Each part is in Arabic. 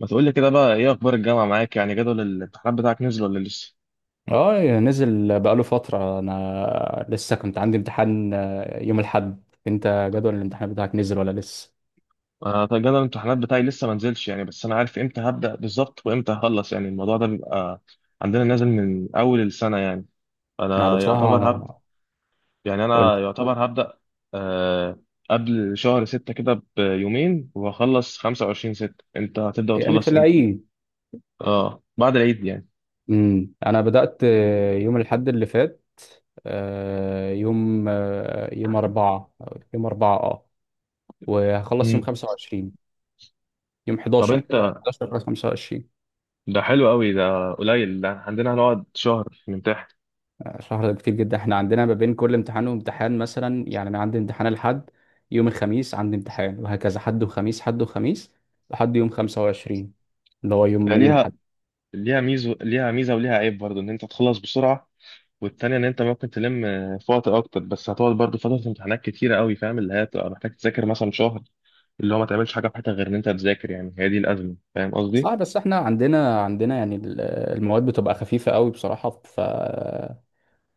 ما تقول لي كده بقى، ايه اخبار الجامعه معاك؟ يعني جدول الامتحانات بتاعك نزل ولا لسه؟ اه، نزل بقاله فترة. انا لسه كنت عندي امتحان يوم الاحد. انت جدول الامتحان بتاعك نزل ولا لسه؟ انا طيب، جدول الامتحانات بتاعي لسه ما نزلش يعني، بس انا عارف امتى هبدا بالظبط وامتى هخلص. يعني الموضوع ده بيبقى عندنا نازل من اول السنه يعني. انا على انا يعتبر هبدا بصراحة قلت، انا يعتبر هبدا. آه قبل شهر ستة كده بيومين وهخلص 25 ستة. انت هتبدا يعني في وتخلص امتى؟ العيد. اه، بعد العيد يعني. انا بدأت يوم الاحد اللي فات، يوم أربعة. يوم أربعة اه. وهخلص يوم امم 25، يوم طب 11. انت، 11 أو 25. ده حلو قوي ده قليل، ده عندنا هنقعد شهر نمتحن. شهر ده كتير جدا. احنا عندنا ما بين كل امتحان وامتحان مثلا، يعني انا عندي امتحان الحد، يوم الخميس عندي امتحان، وهكذا حد وخميس حد وخميس لحد يوم 25، اللي هو يوم يوم يعني حد. ليها ميزه، ليها ميزه وليها عيب برضو ان انت تخلص بسرعه، والتانية ان انت ممكن تلم في وقت اكتر، بس هتقعد برضو فتره امتحانات كتيره قوي، فاهم؟ اللي هي هتبقى محتاج تذاكر مثلا شهر، اللي هو ما تعملش حاجه في حياتك غير ان انت تذاكر، يعني هي دي الازمه، فاهم قصدي؟ صح، بس احنا عندنا يعني المواد بتبقى خفيفة قوي بصراحة. ف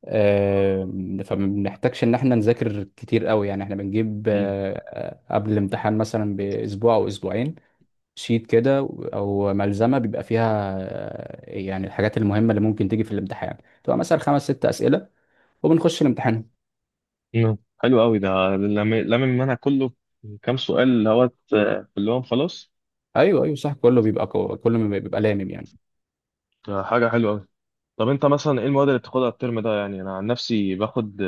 فما بنحتاجش ان احنا نذاكر كتير قوي، يعني احنا بنجيب مم. قبل الامتحان مثلا باسبوع او اسبوعين شيت كده، او ملزمه بيبقى فيها يعني الحاجات المهمه اللي ممكن تيجي في الامتحان، تبقى مثلا خمس ست اسئله وبنخش الامتحان. مم. حلو قوي ده. لم لم المنهج كله كام سؤال، اللي هو كلهم خلاص. ايوه ايوه صح. كله بيبقى لامم يعني. ده حاجه حلوه قوي. طب انت مثلا ايه المواد اللي بتاخدها الترم ده؟ يعني انا عن نفسي باخد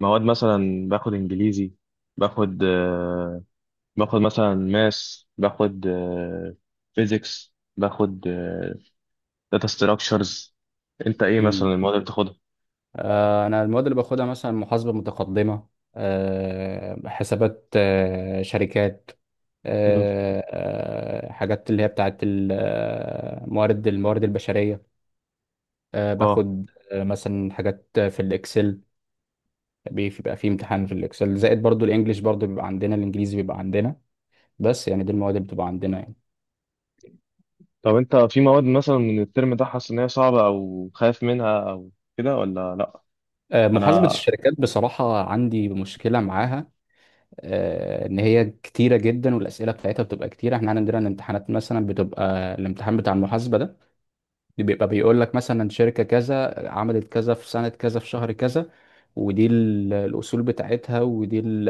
مواد، مثلا باخد انجليزي، باخد باخد مثلا ماس، باخد فيزيكس، باخد داتا ستراكشرز. انت ايه مثلا امم. المواد اللي بتاخدها؟ انا المواد اللي باخدها مثلا محاسبه متقدمه، حسابات شركات مم. آه حاجات اللي هي بتاعت موارد الموارد البشريه. اه. باخد مثلا حاجات في الاكسل. بيبقى فيه امتحان في الاكسل زائد برضو الانجليش، برضو بيبقى عندنا، الانجليزي بيبقى عندنا. بس يعني دي المواد اللي بتبقى عندنا يعني. طب انت في مواد مثلا من الترم ده حاسس ان هي صعبه او خايف منها او كده، ولا لا؟ محاسبة انا الشركات بصراحة عندي مشكلة معاها. إن هي كتيرة جدا، والأسئلة بتاعتها بتبقى كتيرة. إحنا عندنا الامتحانات مثلا بتبقى، الامتحان بتاع المحاسبة ده بيبقى بيقول لك مثلا شركة كذا عملت كذا في سنة كذا في شهر كذا، ودي الأصول بتاعتها، ودي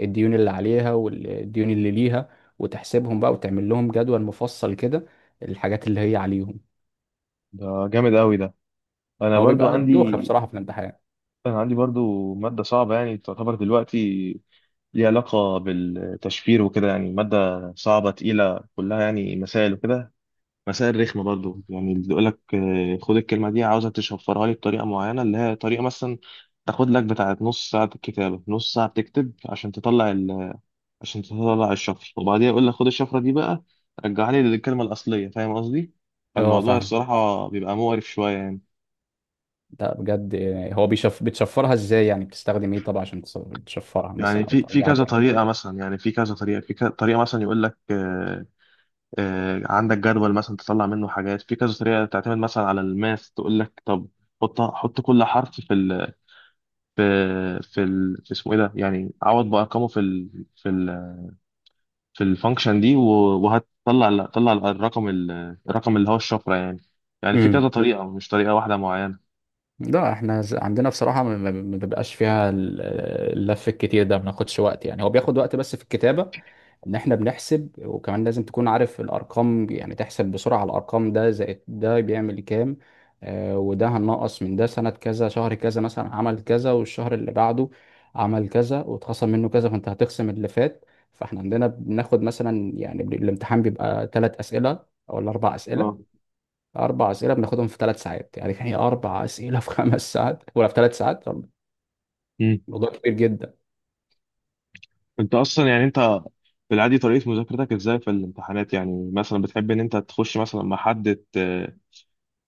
الديون اللي عليها والديون اللي ليها، وتحسبهم بقى وتعمل لهم جدول مفصل كده، الحاجات اللي هي عليهم. ده جامد قوي ده. انا هو برضو بيبقى عندي دوخة بصراحة في الامتحان. انا عندي برضو ماده صعبه، يعني تعتبر دلوقتي، ليها علاقه بالتشفير وكده، يعني ماده صعبه تقيله كلها يعني مسائل وكده، مسائل رخمة برضو، يعني اللي يقول لك خد الكلمة دي عاوزك تشفرها لي بطريقة معينة، اللي هي طريقة مثلا تاخد لك بتاعة نص ساعة كتابة، نص ساعة بتكتب عشان تطلع ال... عشان تطلع الشفرة، وبعديها يقول لك خد الشفرة دي بقى رجعها لي للكلمة الأصلية، فاهم قصدي؟ اه فالموضوع فاهم. الصراحة بيبقى مقرف شوية يعني. ده بجد، يعني هو بيشف بتشفرها ازاي؟ يعني بتستخدم ايه طبعا عشان تشفرها يعني مثلا او في ترجعها كذا تاني. طريقة مثلا، يعني في كذا طريقة، في كذا طريقة مثلا يقول لك عندك جدول مثلا تطلع منه حاجات، في كذا طريقة تعتمد مثلا على الماث، تقول لك طب حط حط كل حرف في في اسمه ايه ده، يعني عوض بارقامه في الفانكشن دي، و- وهتطلع الرقم اللي هو الشفره يعني. يعني في كذا امم. طريقه، مش طريقه واحده معينه. لا احنا عندنا بصراحة ما بيبقاش فيها اللف الكتير ده. ما بناخدش وقت، يعني هو بياخد وقت بس في الكتابة، ان احنا بنحسب. وكمان لازم تكون عارف الارقام، يعني تحسب بسرعة الارقام، ده زائد ده بيعمل كام، آه وده هننقص من ده. سنة كذا شهر كذا مثلا عمل كذا، والشهر اللي بعده عمل كذا واتخصم منه كذا، فانت هتخصم اللي فات. فاحنا عندنا بناخد مثلا يعني الامتحان بيبقى ثلاث اسئلة او الاربع اه. اسئلة. أربع أسئلة بناخدهم في ثلاث ساعات، يعني كان هي أربع أسئلة في خمس ساعات ولا في ثلاث ساعات. امم موضوع كبير جدا. انت اصلا يعني انت في العادي طريقه مذاكرتك ازاي في الامتحانات؟ يعني مثلا بتحب ان انت تخش مثلا مع حد ت...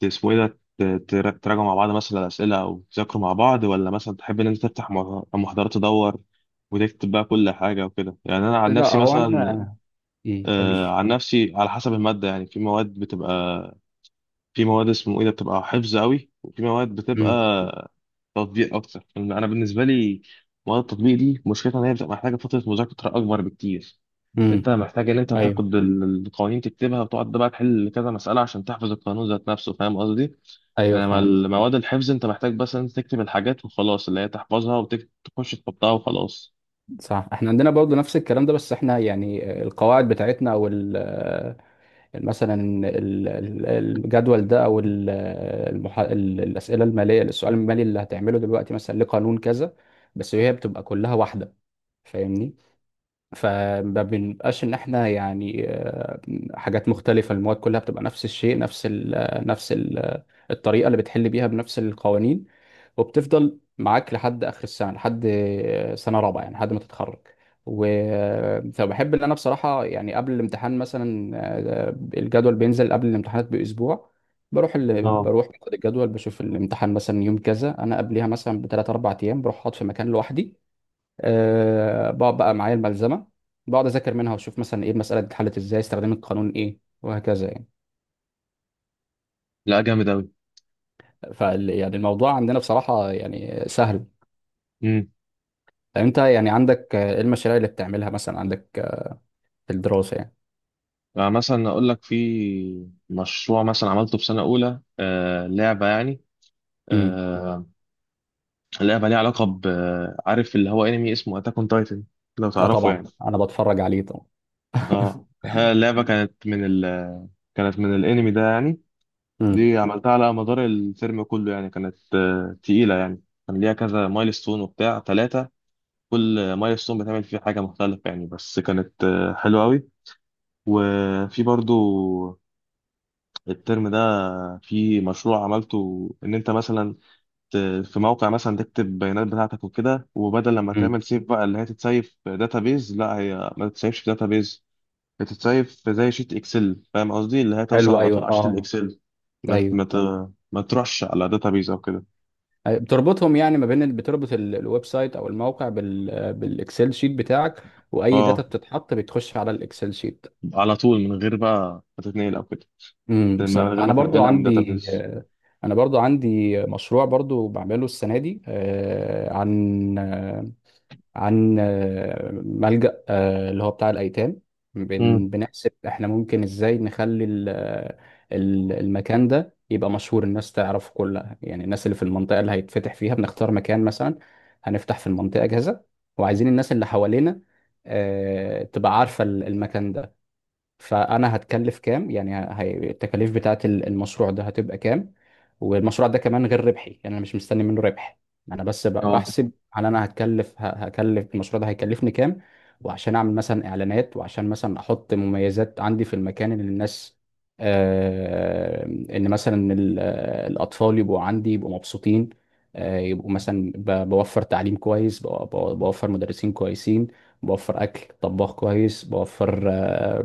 ت- اسمه ايه ده تراجعوا مع بعض مثلا الاسئله، او تذاكروا مع بعض، ولا مثلا تحب ان انت تفتح محاضرات تدور وتكتب بقى كل حاجه وكده؟ يعني انا عن لا، نفسي هو أنا مثلا قول. عن نفسي على حسب المادة. يعني في مواد اسمه ايه ده بتبقى حفظ قوي، وفي مواد بتبقى أمم. تطبيق اكتر، لأن انا بالنسبة لي مواد التطبيق دي مشكلتها ان هي بتبقى محتاجة فترة مذاكرة اكبر بكتير. انت أمم. محتاج ان انت أيوه. تاخد القوانين تكتبها وتقعد بقى تحل كذا مسألة عشان تحفظ القانون ذات نفسه، فاهم قصدي؟ أيوه انما فاهم. المواد الحفظ انت محتاج بس ان انت تكتب الحاجات وخلاص، اللي هي تحفظها وتخش تحطها وخلاص. صح، احنا عندنا برضه نفس الكلام ده. بس احنا يعني القواعد بتاعتنا او مثلا الجدول ده، او المحا... الاسئله الماليه، السؤال المالي اللي هتعمله دلوقتي مثلا لقانون كذا، بس هي بتبقى كلها واحده. فاهمني؟ فما بنبقاش ان احنا يعني حاجات مختلفه. المواد كلها بتبقى نفس الشيء، نفس ال آه، نفس ال آه، الطريقه اللي بتحل بيها بنفس القوانين، وبتفضل معاك لحد اخر السنه، لحد سنه رابعه يعني لحد ما تتخرج. و آه، فبحب ان انا بصراحه يعني قبل الامتحان مثلا، آه، الجدول بينزل قبل الامتحانات باسبوع. اه. بروح باخد الجدول، بشوف الامتحان مثلا يوم كذا، انا قبلها مثلا بثلاث اربع ايام بروح اقعد في مكان لوحدي. أه، بقعد بقى معايا الملزمه، بقعد اذاكر منها واشوف مثلا ايه المساله دي اتحلت ازاي، استخدام القانون ايه، وهكذا يعني. لا، جامد قوي. فال يعني الموضوع عندنا بصراحه يعني سهل. طب انت يعني عندك ايه المشاريع اللي بتعملها مثلا؟ عندك في الدراسه يعني. يعني مثلا اقول لك في مشروع مثلا عملته في سنه اولى، لعبه يعني. امم. آه لعبه ليها علاقه ب عارف اللي هو انمي اسمه اتاك اون تايتن، لو لا تعرفه طبعا يعني. انا بتفرج عليه طبعا. اه، هي اللعبه كانت من ال... كانت من الانمي ده يعني. امم. دي عملتها على مدار الترم كله، يعني كانت تقيله، يعني كان ليها كذا مايلستون وبتاع ثلاثه، كل مايلستون بتعمل فيه حاجه مختلفه يعني، بس كانت حلوه قوي. وفي برضو الترم ده في مشروع عملته ان انت مثلا ت- في موقع مثلا تكتب البيانات بتاعتك وكده، وبدل لما امم. تعمل سيف بقى اللي هي تتسيف في داتابيز، لا هي ما تتسيفش في داتابيز، بتتسيف في زي شيت اكسل، فاهم قصدي؟ اللي هي توصل حلو، على طول ايوه على شيت اه. الاكسل، ايوه. ما تروحش على داتابيز او كده، أيوة. بتربطهم يعني ما بين بتربط الويب سايت او الموقع بال بالاكسل شيت بتاعك. واي داتا اه، بتتحط بتخش على الاكسل شيت. على طول من غير بقى ما تتنقل او كده، من صح. غير ما انا برضو تنقلها من عندي داتابيز. مشروع برضو بعمله السنه دي عن ملجأ، اللي هو بتاع الايتام. امم بنحسب احنا ممكن ازاي نخلي المكان ده يبقى مشهور، الناس تعرفه كلها، يعني الناس اللي في المنطقه اللي هيتفتح فيها. بنختار مكان مثلا، هنفتح في المنطقه كذا، وعايزين الناس اللي حوالينا تبقى عارفه المكان ده. فانا هتكلف كام، يعني التكاليف بتاعه المشروع ده هتبقى كام. والمشروع ده كمان غير ربحي، يعني انا مش مستني منه ربح. انا بس اه. بحسب هل انا هتكلف هكلف المشروع ده هيكلفني كام، وعشان اعمل مثلا اعلانات، وعشان مثلا احط مميزات عندي في المكان اللي الناس ان مثلا الاطفال يبقوا عندي يبقوا مبسوطين، يبقوا مثلا بوفر تعليم كويس، بوفر مدرسين كويسين، بوفر اكل طباخ كويس، بوفر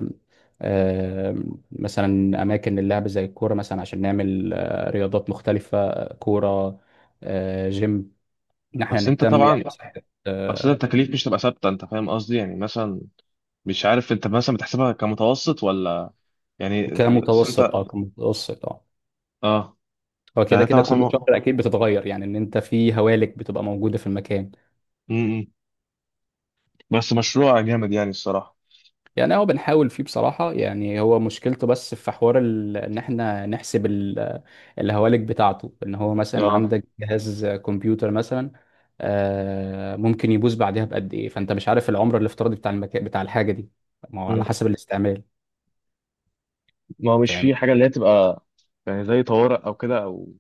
آه، مثلا اماكن اللعب زي الكوره مثلا، عشان نعمل رياضات مختلفه، كوره، جيم، ان احنا بس انت نهتم طبعا يعني بصحه. بس آه، انت التكاليف مش تبقى ثابته، انت فاهم قصدي؟ يعني مثلا مش عارف، انت مثلا بتحسبها كمتوسط ولا؟ يعني بس انت كمتوسط اه، كمتوسط اه. اه هو كده يعني انت كده مثلا كل شهر م- اكيد بتتغير، يعني ان انت في هوالك بتبقى موجوده في المكان. م. بس مشروع جامد يعني الصراحة. يعني هو بنحاول فيه بصراحة. يعني هو مشكلته بس في حوار ان احنا نحسب الهوالك بتاعته. ان هو مثلا اه. عندك جهاز كمبيوتر مثلا ممكن يبوظ بعدها بقد ايه، فانت مش عارف العمر الافتراضي بتاع المكان بتاع الحاجة دي، ما هو م. على حسب الاستعمال. ما هو مش في حاجة اللي هي تبقى، يعني زي طوارئ او كده، او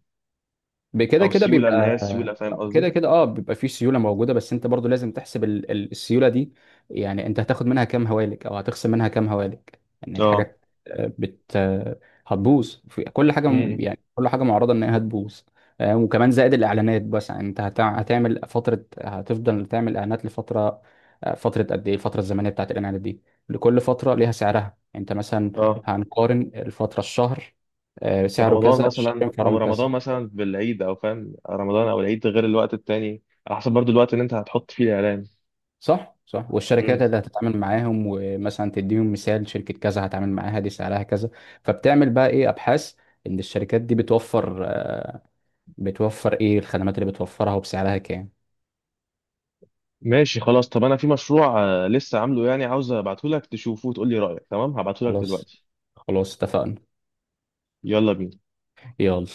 بكده كده سيولة اللي هي بيبقى. السيولة، فاهم قصدي؟ كده كده اه، بيبقى فيه سيوله موجوده، بس انت برضو لازم تحسب السيوله دي. يعني انت هتاخد منها كام هوالك، او هتخصم منها كام هوالك. يعني اه. الحاجات آه، بت آه، هتبوظ في كل حاجه م- م. يعني كل حاجه معرضه ان هي هتبوظ. وكمان زائد الاعلانات. بس يعني انت هتعمل فتره، هتفضل تعمل اعلانات لفتره، فتره قد ايه الفتره الزمنيه بتاعت الاعلانات دي؟ لكل فتره ليها سعرها يعني. انت مثلا اه هنقارن الفتره الشهر سعره رمضان كذا، مثلا، الشهرين او سعرهم كذا. رمضان مثلا بالعيد، او فاهم رمضان او العيد غير الوقت التاني، على حسب برضو الوقت اللي انت هتحط فيه الاعلان. صح صح. والشركات اللي هتتعامل معاهم، ومثلا تديهم مثال شركة كذا هتعامل معاها دي سعرها كذا. فبتعمل بقى ايه، ابحاث ان الشركات دي بتوفر بتوفر ايه الخدمات اللي بتوفرها وبسعرها كام. ماشي، خلاص. طب انا في مشروع لسه عامله، يعني عاوز ابعته لك تشوفه وتقول لي رايك، تمام؟ هبعته لك خلاص. دلوقتي. خلاص اتفقنا. يلا بينا. يلا.